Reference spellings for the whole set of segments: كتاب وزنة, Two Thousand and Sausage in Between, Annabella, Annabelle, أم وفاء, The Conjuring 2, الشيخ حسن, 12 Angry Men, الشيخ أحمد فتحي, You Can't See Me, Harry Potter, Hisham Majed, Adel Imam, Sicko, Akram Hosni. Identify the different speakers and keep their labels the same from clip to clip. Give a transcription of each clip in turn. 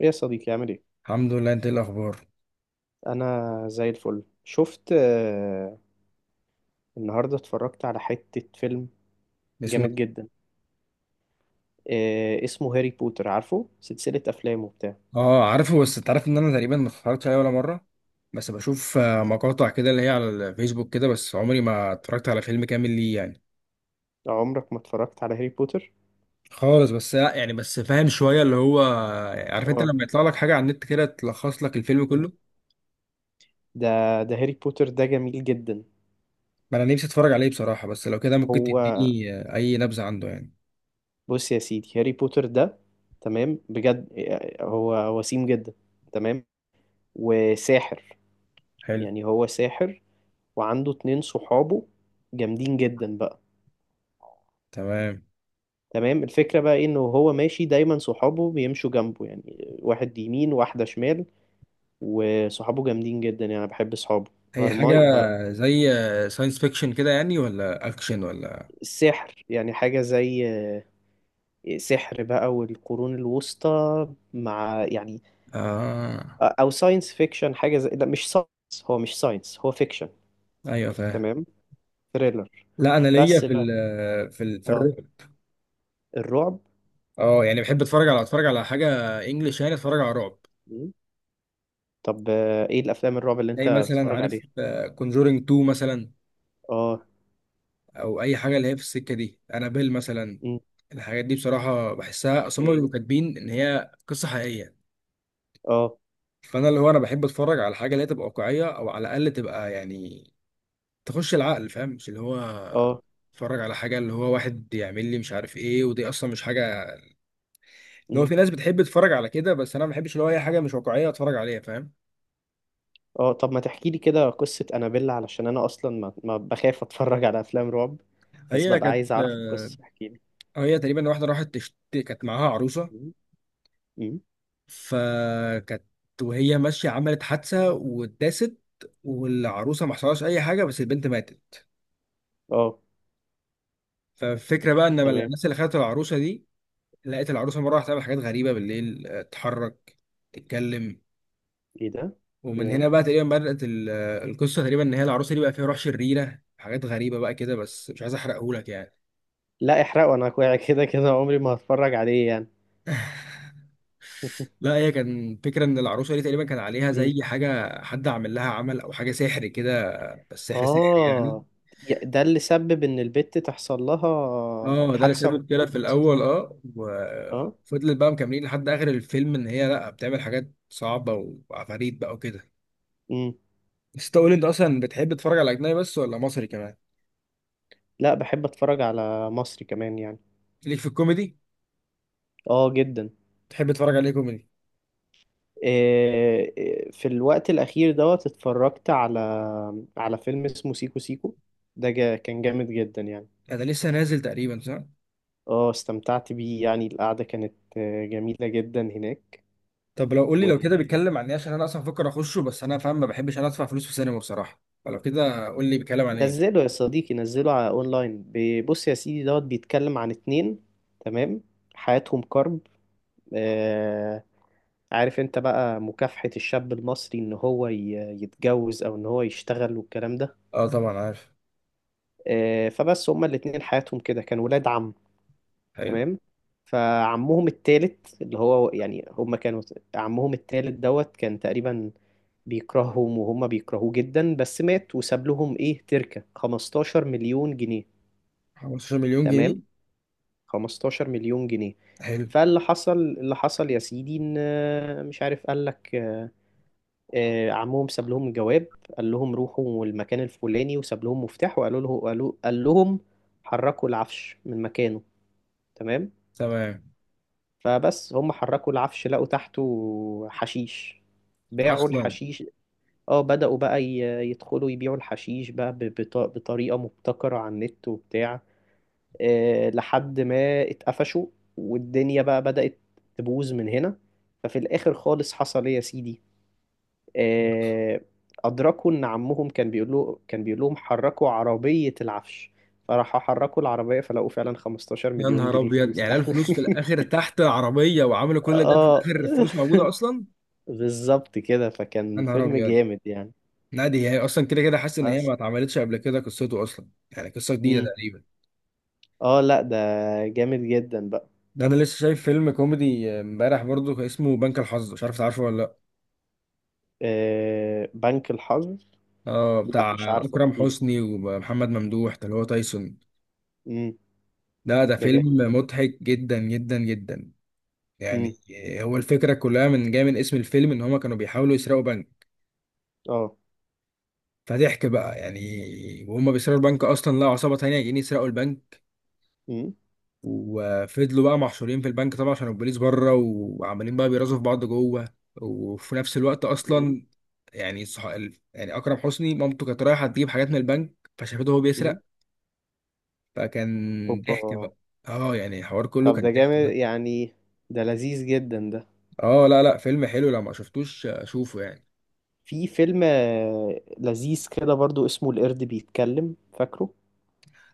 Speaker 1: ايه يا صديقي، عامل ايه؟
Speaker 2: الحمد لله، انت ايه الاخبار؟
Speaker 1: انا زي الفل. شفت، النهارده اتفرجت على حتة فيلم
Speaker 2: اسمه.
Speaker 1: جامد جدا. اسمه هاري بوتر، عارفه سلسلة افلام وبتاع.
Speaker 2: اه عارفه، بس انت عارف ان انا تقريبا ما اتفرجتش عليه ولا مره. بس بشوف مقاطع كده اللي هي على الفيسبوك كده، بس عمري ما اتفرجت على فيلم كامل ليه يعني.
Speaker 1: عمرك ما اتفرجت على هاري بوتر؟
Speaker 2: خالص، بس لا، يعني بس فاهم شويه اللي هو، عارف انت
Speaker 1: اه.
Speaker 2: لما يطلع لك حاجه على النت كده تلخص لك الفيلم
Speaker 1: مم.
Speaker 2: كله.
Speaker 1: ده ده هاري بوتر ده جميل جدا.
Speaker 2: ما انا نفسي اتفرج عليه بصراحه، بس لو كده ممكن
Speaker 1: هو
Speaker 2: تديني اي نبذه عنده يعني.
Speaker 1: بص يا سيدي، هاري بوتر ده تمام بجد، هو وسيم جدا. تمام، وساحر،
Speaker 2: حلو.
Speaker 1: يعني هو ساحر وعنده اتنين صحابه جامدين جدا بقى.
Speaker 2: تمام.
Speaker 1: تمام. الفكرة بقى إيه؟ إنه هو ماشي دايما، صحابه بيمشوا جنبه، يعني واحد يمين واحدة شمال. وصحابه جامدين جدا، يعني أنا بحب صحابه.
Speaker 2: هي حاجه
Speaker 1: هرماي ه...
Speaker 2: زي ساينس فيكشن كده يعني، ولا اكشن ولا؟
Speaker 1: السحر يعني حاجة زي سحر بقى والقرون الوسطى، مع يعني،
Speaker 2: اه
Speaker 1: أو ساينس فيكشن حاجة زي. لا مش ساينس، هو مش ساينس، هو فيكشن.
Speaker 2: ايوه فاهم.
Speaker 1: تمام. ثريلر.
Speaker 2: لا انا ليا
Speaker 1: بس
Speaker 2: في
Speaker 1: بقى.
Speaker 2: ال في ال في
Speaker 1: اه،
Speaker 2: الرعب.
Speaker 1: الرعب.
Speaker 2: اه يعني بحب اتفرج على حاجه انجلش يعني، اتفرج على رعب.
Speaker 1: مم. طب، ايه الافلام الرعب اللي انت
Speaker 2: زي مثلا
Speaker 1: بتتفرج
Speaker 2: عارف
Speaker 1: عليها؟
Speaker 2: كونجورينج 2 مثلا،
Speaker 1: اه.
Speaker 2: او اي حاجه اللي هي في السكه دي، انابيل مثلا.
Speaker 1: مم.
Speaker 2: الحاجات دي بصراحه بحسها، اصل هم بيبقوا
Speaker 1: ايه.
Speaker 2: كاتبين ان هي قصه حقيقيه.
Speaker 1: اه.
Speaker 2: فانا اللي هو انا بحب اتفرج على حاجه اللي هي تبقى واقعيه، او على الاقل تبقى يعني تخش العقل، فاهم؟ مش اللي هو
Speaker 1: اه.
Speaker 2: اتفرج على حاجه اللي هو واحد يعمل لي مش عارف ايه، ودي اصلا مش حاجه. اللي هو
Speaker 1: مم.
Speaker 2: في ناس بتحب تتفرج على كده، بس انا ما بحبش اللي هو اي حاجه مش واقعيه اتفرج عليها، فاهم؟
Speaker 1: اه، طب ما تحكي لي كده قصة أنابيلا علشان أنا أصلا ما بخاف أتفرج على أفلام رعب، بس
Speaker 2: هي
Speaker 1: ببقى
Speaker 2: كانت
Speaker 1: عايز أعرف
Speaker 2: آه،
Speaker 1: القصة، احكي لي.
Speaker 2: هي تقريبا واحدة كانت معاها عروسة.
Speaker 1: مم. مم.
Speaker 2: فكانت، وهي ماشية، عملت حادثة واتداست. والعروسة ما حصلهاش أي حاجة، بس البنت ماتت.
Speaker 1: اه.
Speaker 2: فالفكرة بقى إن
Speaker 1: تمام.
Speaker 2: الناس اللي خدت العروسة دي لقيت العروسة مرة واحدة تعمل حاجات غريبة بالليل، تتحرك، تتكلم.
Speaker 1: ايه ده؟
Speaker 2: ومن
Speaker 1: yeah.
Speaker 2: هنا بقى تقريبا بدأت القصة، تقريبا إن هي العروسة دي بقى فيها روح شريرة، حاجات غريبة بقى كده، بس مش عايز أحرقهولك يعني.
Speaker 1: لا، احرقه أنا كويس كده كده عمري ما هتفرج عليه يعني.
Speaker 2: لا هي كان فكرة إن العروسة دي تقريبا كان عليها
Speaker 1: مم.
Speaker 2: زي حاجة، حد عمل لها عمل أو حاجة سحر كده. السحر سحر يعني.
Speaker 1: اه، ده اللي سبب إن البت تحصل لها
Speaker 2: اه ده
Speaker 1: حادثة
Speaker 2: لسبب كده في
Speaker 1: وتموت.
Speaker 2: الاول، اه،
Speaker 1: اه.
Speaker 2: وفضلت بقى مكملين لحد اخر الفيلم ان هي لا بتعمل حاجات صعبه وعفاريت بقى وكده.
Speaker 1: مم.
Speaker 2: بس تقول انت اصلا بتحب تتفرج على اجنبي بس، ولا مصري كمان؟
Speaker 1: لا، بحب أتفرج على مصري كمان يعني.
Speaker 2: ليك في الكوميدي؟
Speaker 1: اه، جدا.
Speaker 2: تحب تتفرج عليه كوميدي؟
Speaker 1: إيه، إيه، في الوقت الأخير دوت اتفرجت على فيلم اسمه سيكو سيكو. ده جا كان جامد جدا يعني.
Speaker 2: ده لسه نازل تقريبا، صح؟
Speaker 1: اه، استمتعت بيه يعني، القعدة كانت جميلة جدا هناك.
Speaker 2: طب لو قول لي، لو كده
Speaker 1: ونزله.
Speaker 2: بيتكلم عن ايه، عشان انا اصلا بفكر اخشه، بس انا فاهم ما بحبش انا ادفع فلوس في سينما بصراحه، فلو كده قول لي بيتكلم عن ايه.
Speaker 1: يا صديقي نزله على اونلاين، بص يا سيدي دوت بيتكلم عن اتنين. تمام، حياتهم كرب. آه عارف انت بقى مكافحة الشاب المصري ان هو يتجوز او ان هو يشتغل والكلام ده.
Speaker 2: اه طبعا عارف.
Speaker 1: فبس هما الاتنين حياتهم كده كانوا ولاد عم.
Speaker 2: حلو.
Speaker 1: تمام، فعمهم التالت اللي هو يعني هم كانوا، عمهم التالت دوت كان تقريبا بيكرههم وهم بيكرهوه جدا، بس مات وساب لهم ايه تركة 15 مليون جنيه.
Speaker 2: 15 مليون جنيه.
Speaker 1: تمام، 15 مليون جنيه.
Speaker 2: حلو.
Speaker 1: فاللي حصل اللي حصل يا سيدي ان، مش عارف قال لك، عمهم ساب لهم جواب. قال لهم روحوا المكان الفلاني وساب لهم مفتاح وقالوا له قالوا قال لهم حركوا العفش من مكانه. تمام.
Speaker 2: تمام.
Speaker 1: فبس هم حركوا العفش لقوا تحته حشيش، باعوا
Speaker 2: اصلا؟
Speaker 1: الحشيش. اه، بدأوا بقى يدخلوا يبيعوا الحشيش بقى بطريقة مبتكرة على النت وبتاع، لحد ما اتقفشوا، والدنيا بقى بدأت تبوظ من هنا. ففي الآخر خالص حصل ايه يا سيدي، آه، أدركوا إن عمهم كان بيقول لهم حركوا عربية العفش، فراحوا حركوا العربية فلقوا فعلا 15
Speaker 2: يا
Speaker 1: مليون
Speaker 2: نهار
Speaker 1: جنيه
Speaker 2: ابيض،
Speaker 1: فلوس.
Speaker 2: يعني الفلوس في الاخر تحت العربيه، وعملوا كل ده، في
Speaker 1: اه،
Speaker 2: الاخر الفلوس موجوده اصلا.
Speaker 1: بالظبط كده،
Speaker 2: يا
Speaker 1: فكان
Speaker 2: نهار
Speaker 1: فيلم
Speaker 2: ابيض.
Speaker 1: جامد يعني.
Speaker 2: نادي، هي اصلا كده كده حاسس ان هي
Speaker 1: بس
Speaker 2: ما اتعملتش قبل كده، قصته اصلا يعني قصه جديده
Speaker 1: امم
Speaker 2: تقريبا.
Speaker 1: اه، لا ده جامد جدا بقى.
Speaker 2: ده انا لسه شايف فيلم كوميدي امبارح برضو اسمه بنك الحظ، مش عارف تعرفه ولا لا.
Speaker 1: بنك الحظ.
Speaker 2: اه
Speaker 1: لا
Speaker 2: بتاع
Speaker 1: مش عارفه،
Speaker 2: اكرم
Speaker 1: احكيلي.
Speaker 2: حسني ومحمد ممدوح ده اللي هو تايسون.
Speaker 1: امم
Speaker 2: لا ده
Speaker 1: ده
Speaker 2: فيلم
Speaker 1: جامد.
Speaker 2: مضحك جدا جدا جدا يعني.
Speaker 1: امم
Speaker 2: هو الفكره كلها من جايه من اسم الفيلم، ان هما كانوا بيحاولوا يسرقوا بنك.
Speaker 1: اه
Speaker 2: فضحك بقى يعني، وهم بيسرقوا البنك اصلا لقوا عصابه تانية جايين يسرقوا البنك.
Speaker 1: امم
Speaker 2: وفضلوا بقى محشورين في البنك طبعا عشان البوليس بره، وعمالين بقى بيرازوا في بعض جوه. وفي نفس الوقت
Speaker 1: امم
Speaker 2: اصلا، يعني صح... يعني اكرم حسني مامته كانت رايحه تجيب حاجات من البنك فشافته وهو
Speaker 1: امم
Speaker 2: بيسرق. فكان
Speaker 1: اوبا.
Speaker 2: ضحك بقى. اه يعني الحوار كله
Speaker 1: طب
Speaker 2: كان
Speaker 1: ده
Speaker 2: ضحك
Speaker 1: جامد
Speaker 2: ده.
Speaker 1: يعني، ده لذيذ جدا ده.
Speaker 2: اه لا لا فيلم حلو، لو ما شفتوش شوفه يعني.
Speaker 1: في فيلم لذيذ كده برضو اسمه القرد بيتكلم، فاكره؟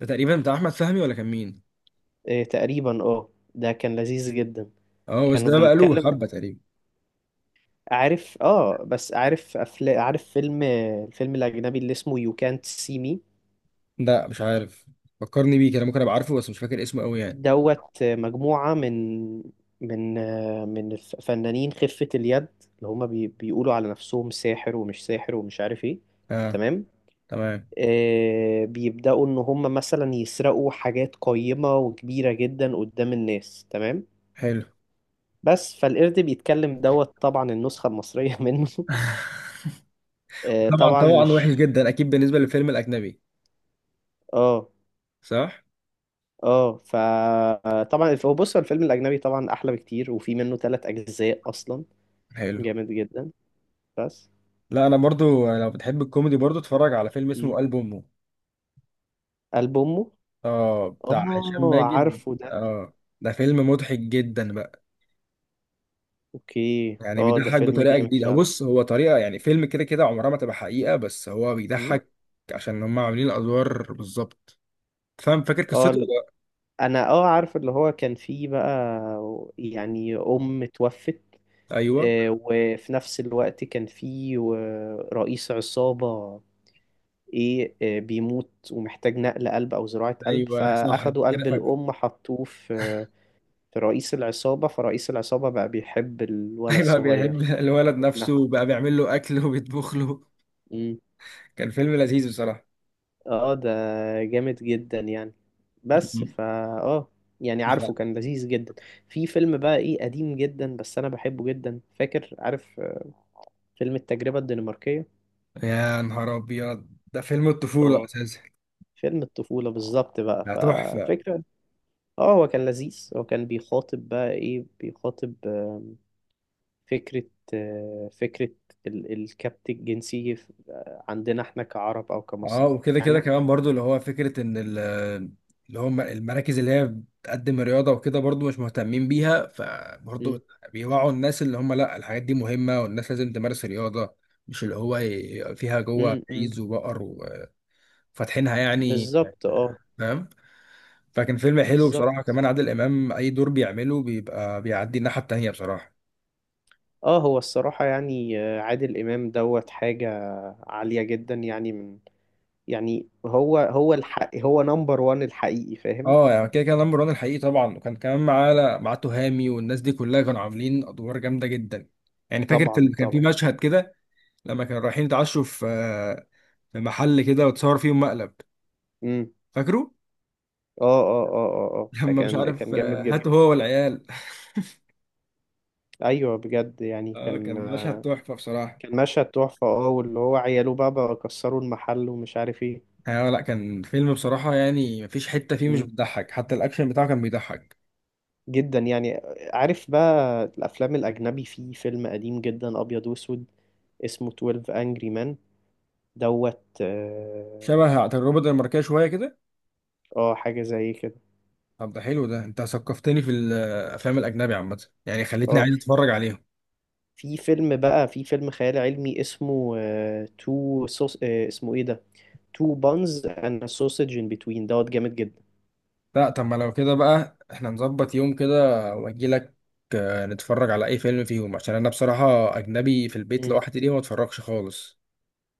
Speaker 2: ده تقريبا بتاع احمد فهمي، ولا كان مين؟
Speaker 1: تقريبا، اه. ده كان لذيذ جدا.
Speaker 2: اه بس
Speaker 1: كانوا
Speaker 2: ده بقى له
Speaker 1: بيتكلم.
Speaker 2: حبه تقريبا.
Speaker 1: عارف، اه. بس عارف عارف الفيلم الأجنبي اللي اسمه You Can't See Me؟
Speaker 2: لا مش عارف، فكرني بيه كده ممكن ابقى عارفه، بس مش فاكر اسمه قوي يعني.
Speaker 1: دوت مجموعة من من فنانين خفة اليد، اللي هما بيقولوا على نفسهم ساحر ومش ساحر ومش عارف ايه.
Speaker 2: اه.
Speaker 1: تمام.
Speaker 2: تمام.
Speaker 1: بيبدأوا ان هما مثلا يسرقوا حاجات قيمة وكبيرة جدا قدام الناس، تمام.
Speaker 2: حلو.
Speaker 1: بس فالقرد بيتكلم دوت طبعا النسخة المصرية منه.
Speaker 2: طبعا
Speaker 1: طبعا
Speaker 2: طبعا، وحش
Speaker 1: مش.
Speaker 2: جدا اكيد بالنسبه للفيلم الاجنبي.
Speaker 1: اه،
Speaker 2: صح.
Speaker 1: اه، فطبعا هو بص، هو الفيلم الاجنبي طبعا احلى بكتير، وفي منه ثلاث اجزاء اصلا.
Speaker 2: حلو.
Speaker 1: جامد جدا، بس.
Speaker 2: لا انا برضو لو بتحب الكوميدي، برضو اتفرج على فيلم اسمه
Speaker 1: مم.
Speaker 2: قلب امه.
Speaker 1: قلب امه.
Speaker 2: اه بتاع هشام
Speaker 1: اه،
Speaker 2: ماجد.
Speaker 1: عارفه ده.
Speaker 2: اه ده فيلم مضحك جدا بقى.
Speaker 1: اوكي،
Speaker 2: يعني
Speaker 1: اه، ده
Speaker 2: بيضحك
Speaker 1: فيلم
Speaker 2: بطريقه
Speaker 1: جامد
Speaker 2: جديده، هو
Speaker 1: فعلا.
Speaker 2: بص هو طريقه يعني، فيلم كده كده عمرها ما تبقى حقيقه، بس هو
Speaker 1: مم.
Speaker 2: بيضحك عشان هم عاملين الادوار بالظبط، فاهم؟ فاكر
Speaker 1: اه،
Speaker 2: قصته ولا
Speaker 1: انا اه عارف اللي هو كان فيه بقى، يعني ام توفت،
Speaker 2: لأ؟ ايوه.
Speaker 1: وفي نفس الوقت كان فيه رئيس عصابة، ايه، بيموت ومحتاج نقل قلب او زراعة قلب،
Speaker 2: ايوه صح أنت
Speaker 1: فاخدوا
Speaker 2: كده
Speaker 1: قلب
Speaker 2: فاكر.
Speaker 1: الام حطوه في رئيس العصابة، فرئيس العصابة بقى بيحب الولد
Speaker 2: هيبقى بيحب
Speaker 1: الصغير.
Speaker 2: الولد
Speaker 1: نعم.
Speaker 2: نفسه، وبقى بيعمل له اكل وبيطبخ له.
Speaker 1: مم.
Speaker 2: كان فيلم لذيذ بصراحه.
Speaker 1: اه، ده جامد جدا يعني، بس فا اه، يعني عارفه
Speaker 2: لا.
Speaker 1: كان لذيذ جدا. في فيلم بقى ايه قديم جدا بس انا بحبه جدا، فاكر عارف، فيلم التجربة الدنماركية.
Speaker 2: يا نهار ابيض، ده فيلم الطفوله
Speaker 1: اه،
Speaker 2: اساسا.
Speaker 1: فيلم الطفولة بالظبط بقى،
Speaker 2: ده تحفه.
Speaker 1: فالفكرة، اه، هو كان لذيذ، هو كان بيخاطب بقى ايه، بيخاطب فكرة فكرة الكبت الجنسي عندنا احنا كعرب أو
Speaker 2: اه
Speaker 1: كمصريين
Speaker 2: وكده كده
Speaker 1: يعني.
Speaker 2: كمان برضو اللي هو فكره ان اللي هم المراكز اللي هي بتقدم رياضه وكده برضو مش مهتمين بيها،
Speaker 1: مم.
Speaker 2: فبرضو بيوعوا الناس اللي هم لا الحاجات دي مهمه والناس لازم تمارس رياضه، مش اللي هو فيها جوه
Speaker 1: مم. مم.
Speaker 2: عيز وبقر وفاتحينها يعني،
Speaker 1: بالظبط، اه.
Speaker 2: فاهم؟ فكان فيلم حلو بصراحة.
Speaker 1: بالظبط،
Speaker 2: كمان عادل إمام أي دور بيعمله بيبقى بيعدي الناحية التانية بصراحة.
Speaker 1: اه، هو الصراحة يعني، عادل إمام دوت حاجة عالية جدا يعني، من يعني، هو الحق، هو نمبر وان الحقيقي، فاهم؟
Speaker 2: اه يعني كده كان نمبر وان الحقيقي طبعا، وكان كمان معاه تهامي والناس دي كلها كانوا عاملين أدوار جامدة جدا يعني. فاكر في
Speaker 1: طبعا
Speaker 2: كان في
Speaker 1: طبعا.
Speaker 2: مشهد كده لما كانوا رايحين يتعشوا في، في محل كده، وتصور فيهم مقلب،
Speaker 1: مم.
Speaker 2: فاكره؟
Speaker 1: اه، اه، اه، اه، اه، ده
Speaker 2: لما مش
Speaker 1: كان
Speaker 2: عارف
Speaker 1: كان جامد جدا.
Speaker 2: هاته هو والعيال.
Speaker 1: ايوه بجد يعني
Speaker 2: اه كان
Speaker 1: كان،
Speaker 2: مشهد تحفة بصراحة.
Speaker 1: كان مشهد تحفة. اه، واللي هو عياله بقى كسروا المحل ومش عارف
Speaker 2: اه لا كان فيلم بصراحة يعني مفيش حتة فيه مش
Speaker 1: ايه،
Speaker 2: بتضحك، حتى الأكشن بتاعه كان بيضحك.
Speaker 1: جدا يعني. عارف بقى الافلام الاجنبي، في فيلم قديم جدا ابيض واسود اسمه 12 انجري مان دوت. اه،
Speaker 2: شبه عند الروبوت الماركية شوية كده.
Speaker 1: حاجه زي كده.
Speaker 2: طب ده حلو ده، انت ثقفتني في الافلام الاجنبي عامه يعني، خليتني
Speaker 1: اه،
Speaker 2: عايز اتفرج عليهم.
Speaker 1: في فيلم بقى، في فيلم خيال علمي اسمه تو سوس، اسمه ايه ده، تو بانز اند سوسج ان بتوين دوت، جامد جدا.
Speaker 2: لا طب ما لو كده بقى احنا نظبط يوم كده واجي لك، نتفرج على اي فيلم فيهم، عشان انا بصراحه اجنبي في البيت
Speaker 1: مم.
Speaker 2: لوحدي دي ما اتفرجش خالص.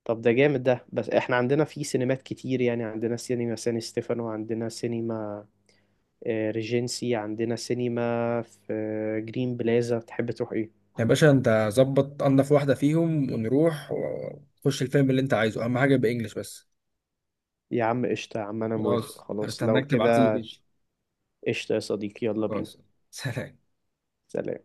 Speaker 1: طب ده جامد ده، بس احنا عندنا في سينمات كتير يعني، عندنا سينما سان ستيفانو، عندنا سينما ريجنسي، عندنا سينما في جرين بلازا، تحب تروح إيه؟
Speaker 2: يا باشا انت ظبط انضف واحده فيهم ونروح ونخش الفيلم اللي انت عايزه، اهم حاجه يبقى انجلش بس.
Speaker 1: يا عم قشطة، يا عم أنا موافق
Speaker 2: خلاص
Speaker 1: خلاص لو
Speaker 2: هستناك تبعت لي
Speaker 1: كده.
Speaker 2: اللوكيشن.
Speaker 1: قشطة يا صديقي، يلا بينا.
Speaker 2: خلاص. سلام.
Speaker 1: سلام.